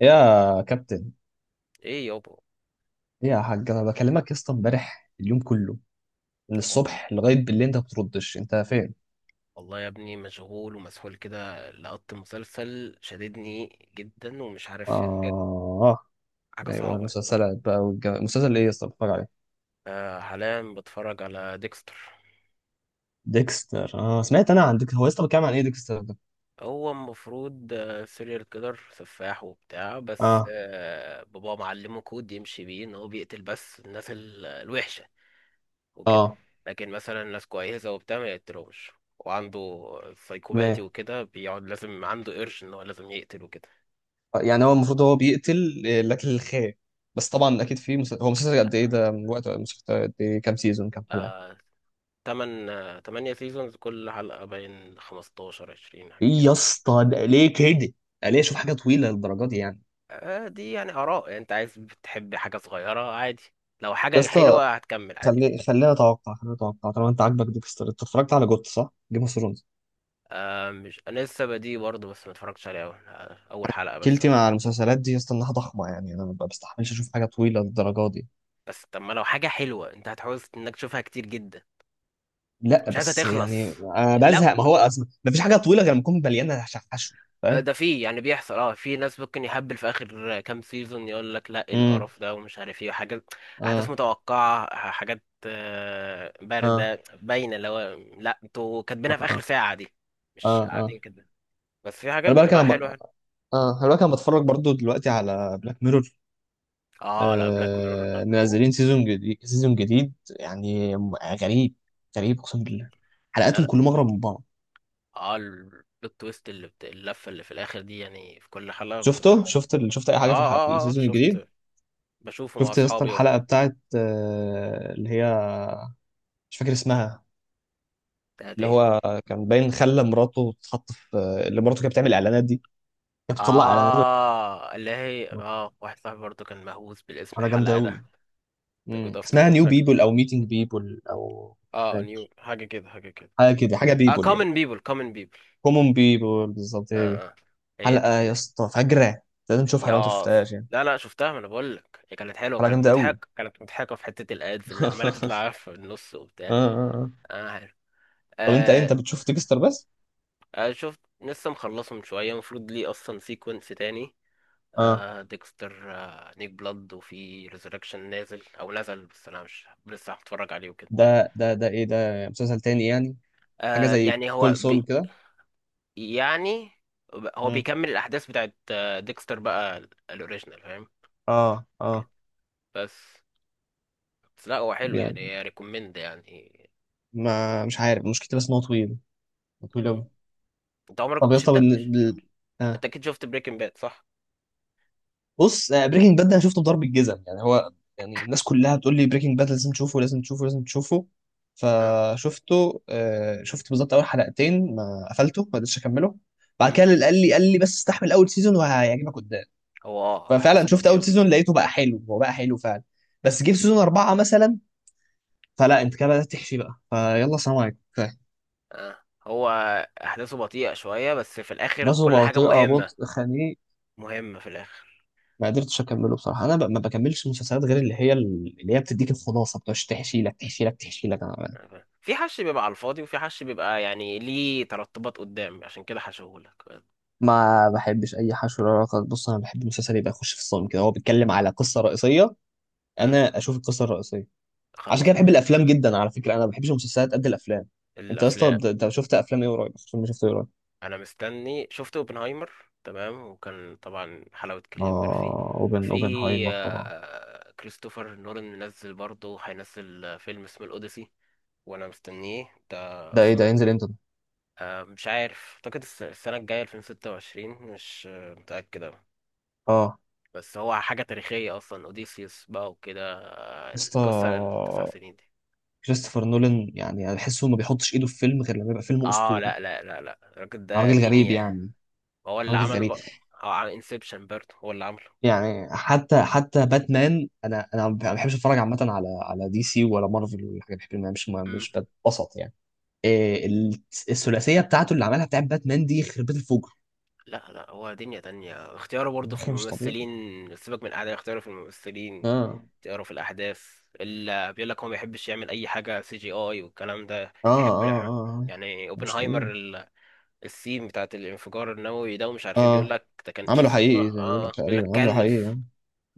يا كابتن، ايه يابا. إيه يا حاج؟ انا بكلمك يا اسطى امبارح اليوم كله، من هو- الصبح لغايه بالليل انت ما بتردش. انت فين؟ والله يا ابني مشغول ومسحول كده لقط مسلسل شددني جدا ومش عارف يعني بجد اه. حاجة ايوه صعبة. المسلسلات بقى. مسلسل ايه يا اسطى بتتفرج عليه؟ آه، حاليا بتفرج على ديكستر. ديكستر. اه، سمعت انا عن ديكستر. هو يا اسطى بيتكلم عن ايه ديكستر ده؟ هو المفروض سيريال كيلر سفاح وبتاع، بس اه آه بابا معلمه كود يمشي بيه ان هو بيقتل بس الناس الوحشة وكده، اه. لكن مثلا ناس كويسة وبتاع ما يقتلهمش، وعنده سايكوباتي ما وكده بيقعد لازم عنده قرش ان هو لازم يقتل وكده. يعني هو المفروض هو بيقتل لاجل الخير. بس طبعا اكيد في هو مسلسل لا، قد ايه ده؟ من وقت مسلسل قد ايه؟ كام سيزون؟ كام حلقه؟ آه، تمن تمانية سيزونز، كل حلقة باين خمستاشر عشرين ايه حاجة يا كده. اسطى ده ليه كده؟ ده ليه؟ شوف حاجه طويله للدرجه دي يعني. دي يعني آراء، يعني أنت عايز بتحب حاجة صغيرة عادي، لو يا حاجة اسطى حلوة هتكمل عادي بيها. خلينا نتوقع طالما انت عاجبك ديكستر. انت اتفرجت على جوت؟ صح؟ جيم اوف ثرونز. مش أنا لسه بدي برضه، بس ما اتفرجتش عليه أول، أول حلقة بس. كيلتي مع المسلسلات دي يا اسطى انها ضخمه، يعني انا ما بستحملش اشوف حاجه طويله للدرجه دي. بس طب ما لو حاجة حلوة أنت هتحوز إنك تشوفها كتير جدا، لا مش عايزها بس تخلص. يعني انا لو بزهق. ما هو اصلا ما فيش حاجه طويله غير لما تكون مليانه شحشو. فاهم؟ ده فيه يعني بيحصل، اه، في ناس ممكن يهبل في اخر كام سيزون يقول لك لا ايه امم. القرف ده ومش عارف ايه وحاجات، احداث اه متوقعه، حاجات اه بارده باينه اللي هو لا انتوا كاتبينها في اخر اه ساعه دي، اه مش اه. قاعدين كده. بس في حاجات انا بالك انا بتبقى ب... حلوه. اه، انا بالك انا بتفرج برضو دلوقتي على بلاك ميرور. اه، لا بلاك ميرور لا حوار. منزلين سيزون جديد، سيزون جديد. يعني م- غريب. غريب اقسم بالله. لا حلقاتهم لا كلهم اغرب من بعض. اه البلوت تويست اللي اللفه اللي في الاخر دي، يعني في كل حلقه بتبقى حوار. شفت اي اه حاجه في الحلقه، في اه السيزون الجديد؟ شفت. بشوفه مع شفت يا اسطى اصحابي الحلقه وبتاع. بتاعت اللي هي، مش فاكر اسمها. بتاعت اللي ايه؟ هو كان باين خلى مراته تتحط في اللي مراته كانت بتعمل اعلانات دي. كانت بتطلع اعلانات اه اللي هي، اه، واحد صاحبي برضه كان مهووس بالاسم، على جامده الحلقة ده قوي. ده جود اسمها افترنون نيو حاجة. بيبل او ميتنج بيبل او اه نيو فاكر. حاجة كده، حاجة كده. حاجه كده، حاجه اه بيبل يعني. common people common people. كومون بيبل، بالظبط هي اه دي. اه هي دي حلقه يا كانت. اسطى فجره. لازم تشوفها لو انت ياس، شفتهاش يعني. لا شفتها، ما انا بقول لك هي كانت حلوة، حلقه كانت جامده قوي. مضحكة كانت مضحكة في حتة الادز اللي عمالة تطلع في النص اه وبتاع. اه اه. اه، حلو. طب انت ايه آه، انت بتشوف ديكستر بس؟ شفت لسه مخلصه من شوية، المفروض ليه اصلا سيكونس تاني. اه. آه ديكستر، آه نيك بلاد، وفي ريزركشن نازل او نزل بس انا مش لسه هتفرج عليه وكده. ده ايه ده؟ مسلسل تاني يعني؟ حاجه آه زي يعني هو كول سول بي كده؟ يعني هو مم. بيكمل الاحداث بتاعت آه ديكستر بقى، الاوريجينال، فاهم؟ اه كده. اه. بس بس لا هو حلو يعني يعني، ريكومند يعني. ما مش عارف مشكلتي، بس ان هو طويل، طويل قوي. مم، انت عمرك طب يا مش اسطى انت مش انت آه. اكيد شفت بريكنج باد، صح؟ بص، بريكنج باد ده انا شفته بضرب الجزم يعني هو، يعني الناس كلها بتقول لي بريكنج باد لازم تشوفه لازم تشوفه لازم تشوفه. اه. فشفته شفت بالظبط اول حلقتين، ما قفلته، ما قدرتش اكمله. بعد مم، كده اللي قال لي بس استحمل اول سيزون وهيعجبك قدام. هو اه ففعلا احداثه شفت بطيئة اول في الأول. سيزون، لقيته بقى حلو، هو بقى حلو فعلا. بس جه في سيزون اربعه مثلا، فلا، انت كده بدات تحشي بقى، فيلا سلام عليكم. اه، هو احداثه بطيئة شوية بس في الاخر نفسه كل حاجة بطيئة، مهمة، بطء خنيق. مهمة في الاخر. ما قدرتش اكمله بصراحه. ما بكملش مسلسلات غير اللي هي بتديك الخلاصه، بتاعش تحشي لك تحشي لك تحشي لك. أنا أها، في حش بيبقى على الفاضي وفي حش بيبقى يعني ليه ترتبات قدام عشان كده حشهولك. ما بحبش اي حشو ولا رقص. بص انا بحب المسلسل يبقى يخش في الصمت كده، هو بيتكلم على قصه رئيسيه، أه، انا اشوف القصه الرئيسيه. عشان خلص. كده بحب الافلام جدا. على فكره انا ما بحبش المسلسلات قد الافلام. انت يا اسطى الافلام، انت شفت افلام ايه قريب؟ فيلم شفته ايه قريب؟ انا مستني شفت اوبنهايمر، تمام، وكان طبعا حلاوة كيليان ميرفي. اه، في اوبنهايمر طبعا. كريستوفر نولان منزل برضه، هينزل فيلم اسمه الاوديسي وانا مستنيه ده ده ايه ده؟ اصلا. ينزل امتى ده؟ مش عارف، اعتقد السنة الجاية 2026، مش متأكد. اه بس هو حاجة تاريخية أصلا، أوديسيوس بقى وكده، يا اسطى القصة التسع سنين دي. كريستوفر نولان يعني انا بحسه ما بيحطش ايده في فيلم غير لما يبقى فيلم اه، اسطوري. لا، الراجل ده راجل غريب دنيا. يعني، هو اللي راجل عمل غريب. بقى، اه، عن انسبشن برضه هو اللي عمله. يعني حتى باتمان، انا ما بحبش اتفرج عامه على دي سي ولا مارفل ولا حاجه، بحب ما- مش مم، مش بتبسط يعني. إيه ال- الثلاثيه بتاعته اللي عملها بتاعت باتمان دي خربت الفجر. لا هو دنيا تانية، اختياره يا برضه في اخي مش الممثلين. طبيعي. سيبك من الأعداء، اختياره في الممثلين، اه اختياره في الأحداث، اللي بيقول لك هو ما بيحبش يعمل أي حاجة سي جي آي والكلام ده، اه يحب اه اه. آه. يعني مش اوبنهايمر طبيعي. السين بتاعت الانفجار النووي ده، ومش عارف ايه، بيقول اه، لك ده كانش، عمله حقيقي اه زي ما بيقول لك، اه بيقول لك تقريبا عمله حقيقي كلف. اه.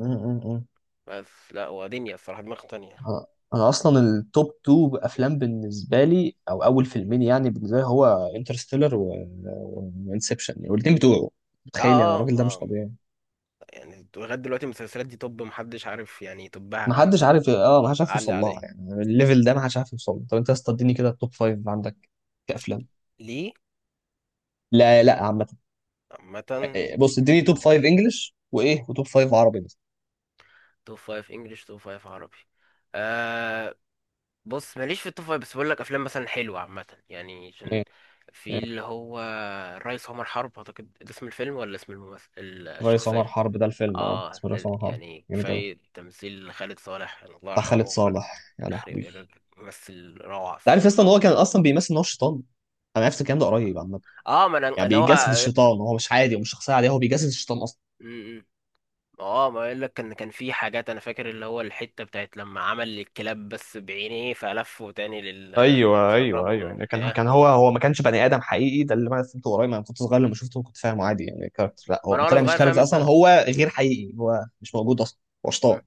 آه، آه، آه. بس لا ودنيا الصراحة، دماغ تانية. آه، انا اصلا التوب 2 افلام بالنسبه لي، او اول فيلمين يعني بالنسبه لي، هو انترستيلر وانسبشن، والاثنين بتوعه. اه متخيل يعني اه الراجل ده ما مش طبيعي. يعني لغاية دلوقتي المسلسلات دي طب محدش عارف يعني ما يطبها، عن حدش عارف. اه، ما حدش عارف يوصل علي لها، عليه يعني الليفل ده ما حدش عارف يوصل له. طب انت يا اسطى اديني كده التوب 5 عندك كافلام. ليه؟ لا لا عامه. عامة، إيه، بص اديني توب 5 انجلش، وايه، وتوب 5 عربي بس. توب فايف انجلش توب فايف عربي. آه، بص ماليش في التوب فايف، بس بقول لك افلام مثلا حلوة عامة يعني. عشان ايه؟ في ايه؟ اللي هو الريس عمر حرب، اعتقد ده اسم الفيلم ولا اسم الممثل، الريس عمر الشخصية. حرب ده الفيلم؟ اه اه، اسمه الريس ده عمر حرب. يعني جامد قوي. كفاية تمثيل خالد صالح، يعني الله بتاع يرحمه، خالد وكل صالح يا يخرب لهوي. الراجل، ممثل روعة انت عارف اصلا ان الصراحة. هو كان اصلا بيمثل ان هو شيطان؟ انا عرفت الكلام ده قريب عامه. اه ما انا يعني اللي هو، بيجسد الشيطان. هو مش عادي، ومش شخصيه عاديه، هو بيجسد الشيطان اصلا. م- م. اه ما اقول لك، ان كان في حاجات انا فاكر اللي هو الحته بتاعت لما عمل الكلاب بس بعينيه، فلفه تاني لل، ايوه ايوه سربهم ايوه، يعني كان وبتاع. كان هو ما كانش بني ادم حقيقي، ده اللي انا فهمته قريب. انا كنت صغير لما شفته كنت فاهمه عادي يعني كاركتر، لا ما انا هو وانا طلع مش صغير فاهم كاركتر اصلا، انت هو غير حقيقي، هو مش موجود اصلا. هو شطان.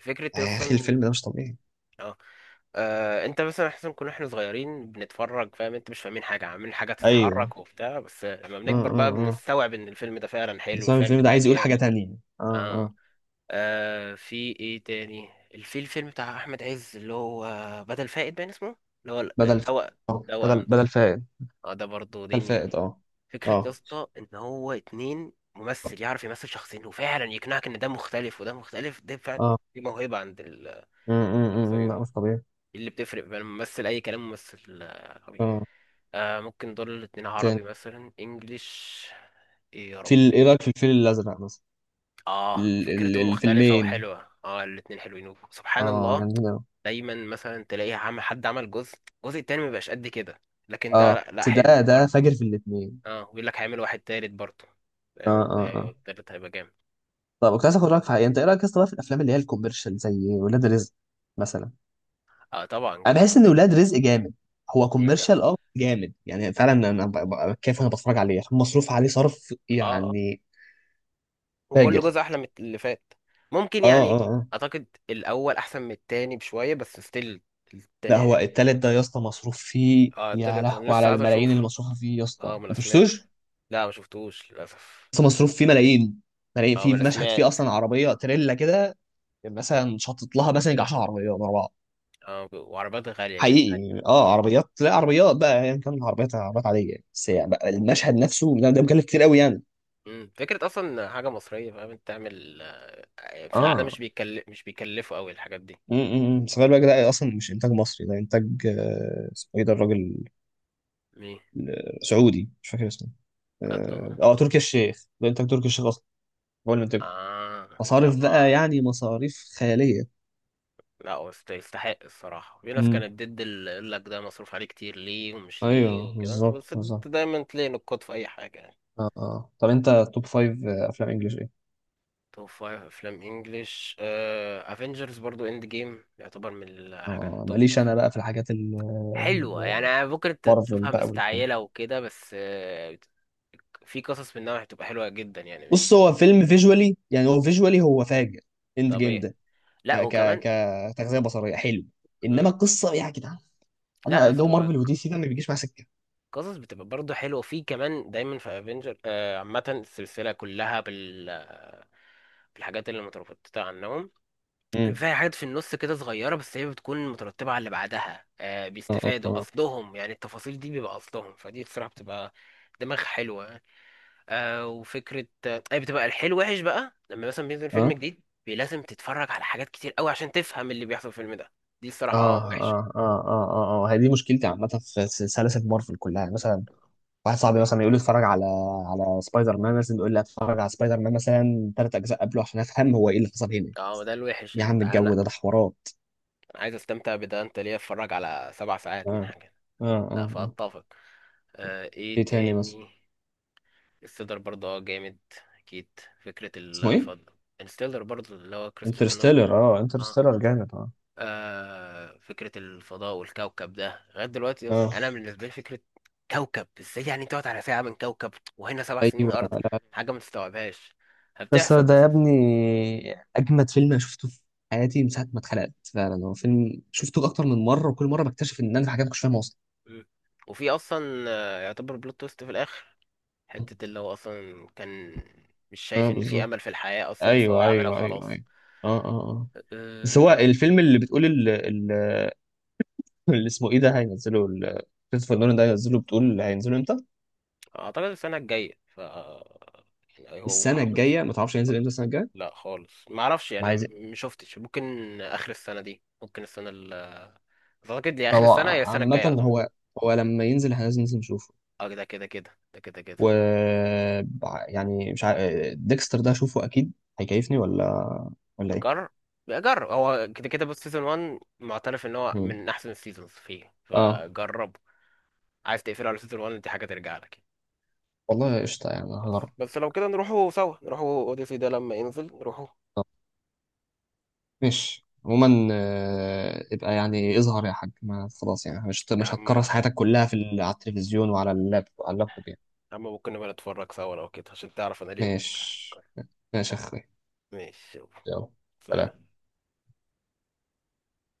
فكره يا اخي الفيلم اصلا. ده مش طبيعي. اه، انت مثلا احسن، كنا احنا صغيرين بنتفرج فاهم انت، مش فاهمين حاجه عاملين حاجه ايوه تتحرك وبتاع، بس لما اه بنكبر اه بقى اه. بنستوعب ان الفيلم ده فعلا حلو، بس أنا الفيلم الفيلم ده ده عايز يقول حاجه جامد. تانية. اه اه، اه. آه في ايه تاني؟ في الفيلم بتاع احمد عز اللي هو بدل فائد باين اسمه، اللي هو بدل التوأم. بدل التوأم ده، بدل فائد. اه ده برضه بدل دنيا، فائد. اه فكرة يا اه اسطى ان هو اتنين، ممثل يعرف يمثل شخصين وفعلا يقنعك ان ده مختلف وده مختلف، ده فعلا اه. دي موهبة عند م- م- م- الشخصية م. دي. لا، مش طبيعي. إيه اللي بتفرق بين ممثل اي كلام ممثل عربي، اه، آه ممكن دول الاتنين عربي مثلا انجليش، ايه يا ايه ربي. رايك في الفيل الازرق مثلا؟ اه فكرته مختلفة الفيلمين وحلوة، اه الاتنين حلوين اه سبحان الله، جامدين قوي. دايما مثلا تلاقي عم حد عمل جزء، الجزء التاني مبيبقاش قد كده، لكن ده اه لا, لا بس حلو ده برضه. فاجر في الاثنين. اه ويقول لك هيعمل واحد تالت برضه، اه فاهم انت، اه اه. التالت هيبقى جامد. طب كنت عايز اخد رايك في حاجه. انت ايه رايك اصلا في الافلام اللي هي الكوميرشال زي ولاد رزق مثلا؟ اه طبعا انا جامد. بحس ان ولاد رزق جامد. هو هي كوميرشال جامدة. اه جامد يعني، فعلا انا كيف انا بتفرج عليه عشان مصروف عليه صرف اه، آه، يعني. وكل فاجر. جزء احلى من اللي فات، ممكن اه يعني. اه اه. اعتقد الاول احسن من التاني بشوية بس ستيل لا التاني هو حلو. التالت ده يا اسطى مصروف فيه اه، يا التالت انا لهوي، على لسه عايز الملايين اشوفه. اللي مصروفه فيه يا اسطى، اه ما انا انت سمعت. مشفتوش. لا ما شفتوش للاسف. بس مصروف فيه ملايين، ملايين. اه ما في انا مشهد سمعت. فيه اصلا عربيه تريلا كده، مثلا شطت لها مثلا يجي 10 عربيات ورا بعض اه وعربيات غالية كانت حاجة. حقيقي. اه، عربيات، لا، عربيات بقى يعني كان العربيات عربيات عاديه يعني. بس يعني بقى و- المشهد نفسه ده مكلف كتير قوي يعني. مم، فكرة أصلا حاجة مصرية، فاهم أنت؟ تعمل في العالم اه مش بيكلف، مش بيكلفوا أوي الحاجات دي. م- م- م. سفاري بقى ده اصلا مش انتاج مصري، ده انتاج اسمه ايه ده الراجل؟ مين؟ سعودي، مش فاكر اسمه. بجد اه والله؟ تركي الشيخ، ده انتاج تركي الشيخ اصلا. هو اللي انتاج. آه. لا مصاريف ما بقى أعرف. يعني، مصاريف خياليه. لا هو يستحق الصراحة، في ناس امم. كانت ضد اللي يقول لك ده مصروف عليه كتير ليه ومش ليه ايوه وكده، بالظبط، بس بالظبط. أنت دايما تلاقي نقاط في أي حاجة يعني. اه اه. طب انت توب فايف افلام انجلش ايه؟ توب فايف أفلام إنجلش، أفينجرز برضو إند جيم يعتبر من الحاجات اه التوب، ماليش انا بقى في الحاجات حلوة يعني، ممكن انت مارفل تشوفها بقى والكلام. مستعجلة وكده، بس في قصص منها هتبقى حلوة جدا يعني. بص مش هو فيلم فيجوالي يعني، هو فيجوالي، هو فاجر، اند جيم طبيعي. ده. ك لا ك وكمان كتغذيه بصريه حلو، انما مم. القصه يا جدعان. لا يا انا جو اسطى، مارفل ودي سي ده ما بيجيش مع سكه. قصص بتبقى برضه حلوة في كمان دايما في افنجر. عامة السلسلة كلها بال بالحاجات اللي مترتبة عنهم، امم. فيها حاجات في النص كده صغيرة بس هي بتكون مترتبة على اللي بعدها، اه بيستفادوا اه قصدهم يعني، التفاصيل دي بيبقى قصدهم، فدي بصراحة بتبقى دماغ حلوة. آه، وفكرة، طيب بتبقى الحلو وحش بقى، لما مثلا بينزل فيلم جديد لازم تتفرج على حاجات كتير قوي عشان تفهم اللي بيحصل في الفيلم ده، دي الصراحة اه اه وحشة. اه اه اه اه اه اه. هي دي مشكلتي عامة في سلاسل مارفل كلها، يعني مثلا واحد صاحبي انت مثلا يقول لي اتفرج على سبايدر مان مثلا، يقول لي اتفرج على سبايدر مان مثلا ثلاث اجزاء قبله عشان افهم هو ايه اللي حصل هنا. اه ده الوحش يا اللي انت عم انا، الجو ده حوارات. أنا عايز استمتع بده انت، ليه اتفرج على سبع ساعات من اه حاجة؟ اه لا اه اه. فاتفق. آه ايه ايه تاني مثلا؟ تاني؟ الستيلر برضه اه جامد، اكيد فكرة اسمه ايه؟ الفضل، الستيلر برضه اللي هو كريستوفر نولان. انترستيلر. اه، آه، انترستيلر جامد. اه آه فكرة الفضاء والكوكب ده لغاية دلوقتي يا اسطى اه، أنا بالنسبة لي، فكرة كوكب إزاي يعني تقعد على ساعة من كوكب وهنا سبع سنين ايوه، أرض، لا، حاجة ما تستوعبهاش انترستيلر هبتحصل ده بس. يا ابني اجمد فيلم انا شفته في حياتي، من ساعه ما اتخلقت. فعلا هو فيلم شفته اكتر من مره، وكل مره بكتشف ان انا في حاجات مش فاهمها اصلا. مم، وفي أصلا يعتبر بلوت تويست في الآخر، حتة اللي هو أصلا كان مش شايف اه إن في بالظبط. أمل في الحياة أصلا، بس هو ايوه عملها ايوه ايوه وخلاص. ايوه. اه اه اه. بس هو آه، الفيلم اللي بتقول اللي اسمه ايه ده هينزله كريستوفر نولان ده، هينزله. بتقول هينزله امتى؟ أعتقد السنة الجاية، ف يعني هو السنه هخش. الجايه؟ ما تعرفش هينزل امتى السنه الجايه؟ لا خالص ما اعرفش يعني، عايز. شفتش. ممكن اخر السنه دي، ممكن السنه ال اعتقد يا اخر هو السنه يا السنه عامة الجايه على طول. هو، هو لما ينزل احنا لازم ننزل نشوفه. اه ده كده كده، ده كده كده. و يعني مش عارف، ديكستر ده اشوفه اكيد هيكيفني ولا ولا ايه؟ جرب جرب هو كده كده، بص سيزون 1 معترف ان هو مم. من احسن السيزونز فيه، اه، فجربه. عايز تقفله على سيزون 1، دي حاجه ترجع لك يعني. والله قشطة، يعني بس هجرب. بس لو كده نروحوا سوا، نروحوا اوديسي ده لما ينزل نروحوا. طب، ماشي عموما. ابقى يعني اظهر يا حاج، ما خلاص يعني مش يا مش عم هتكرس خلاص، حياتك كلها على التلفزيون، وعلى اللابتوب يعني. يا عم ممكن نبقى نتفرج سوا لو كده عشان تعرف انا ليه بفكر. ماشي، ماشي يا اخوي. ماشي يلا. يلا سلام. سلام.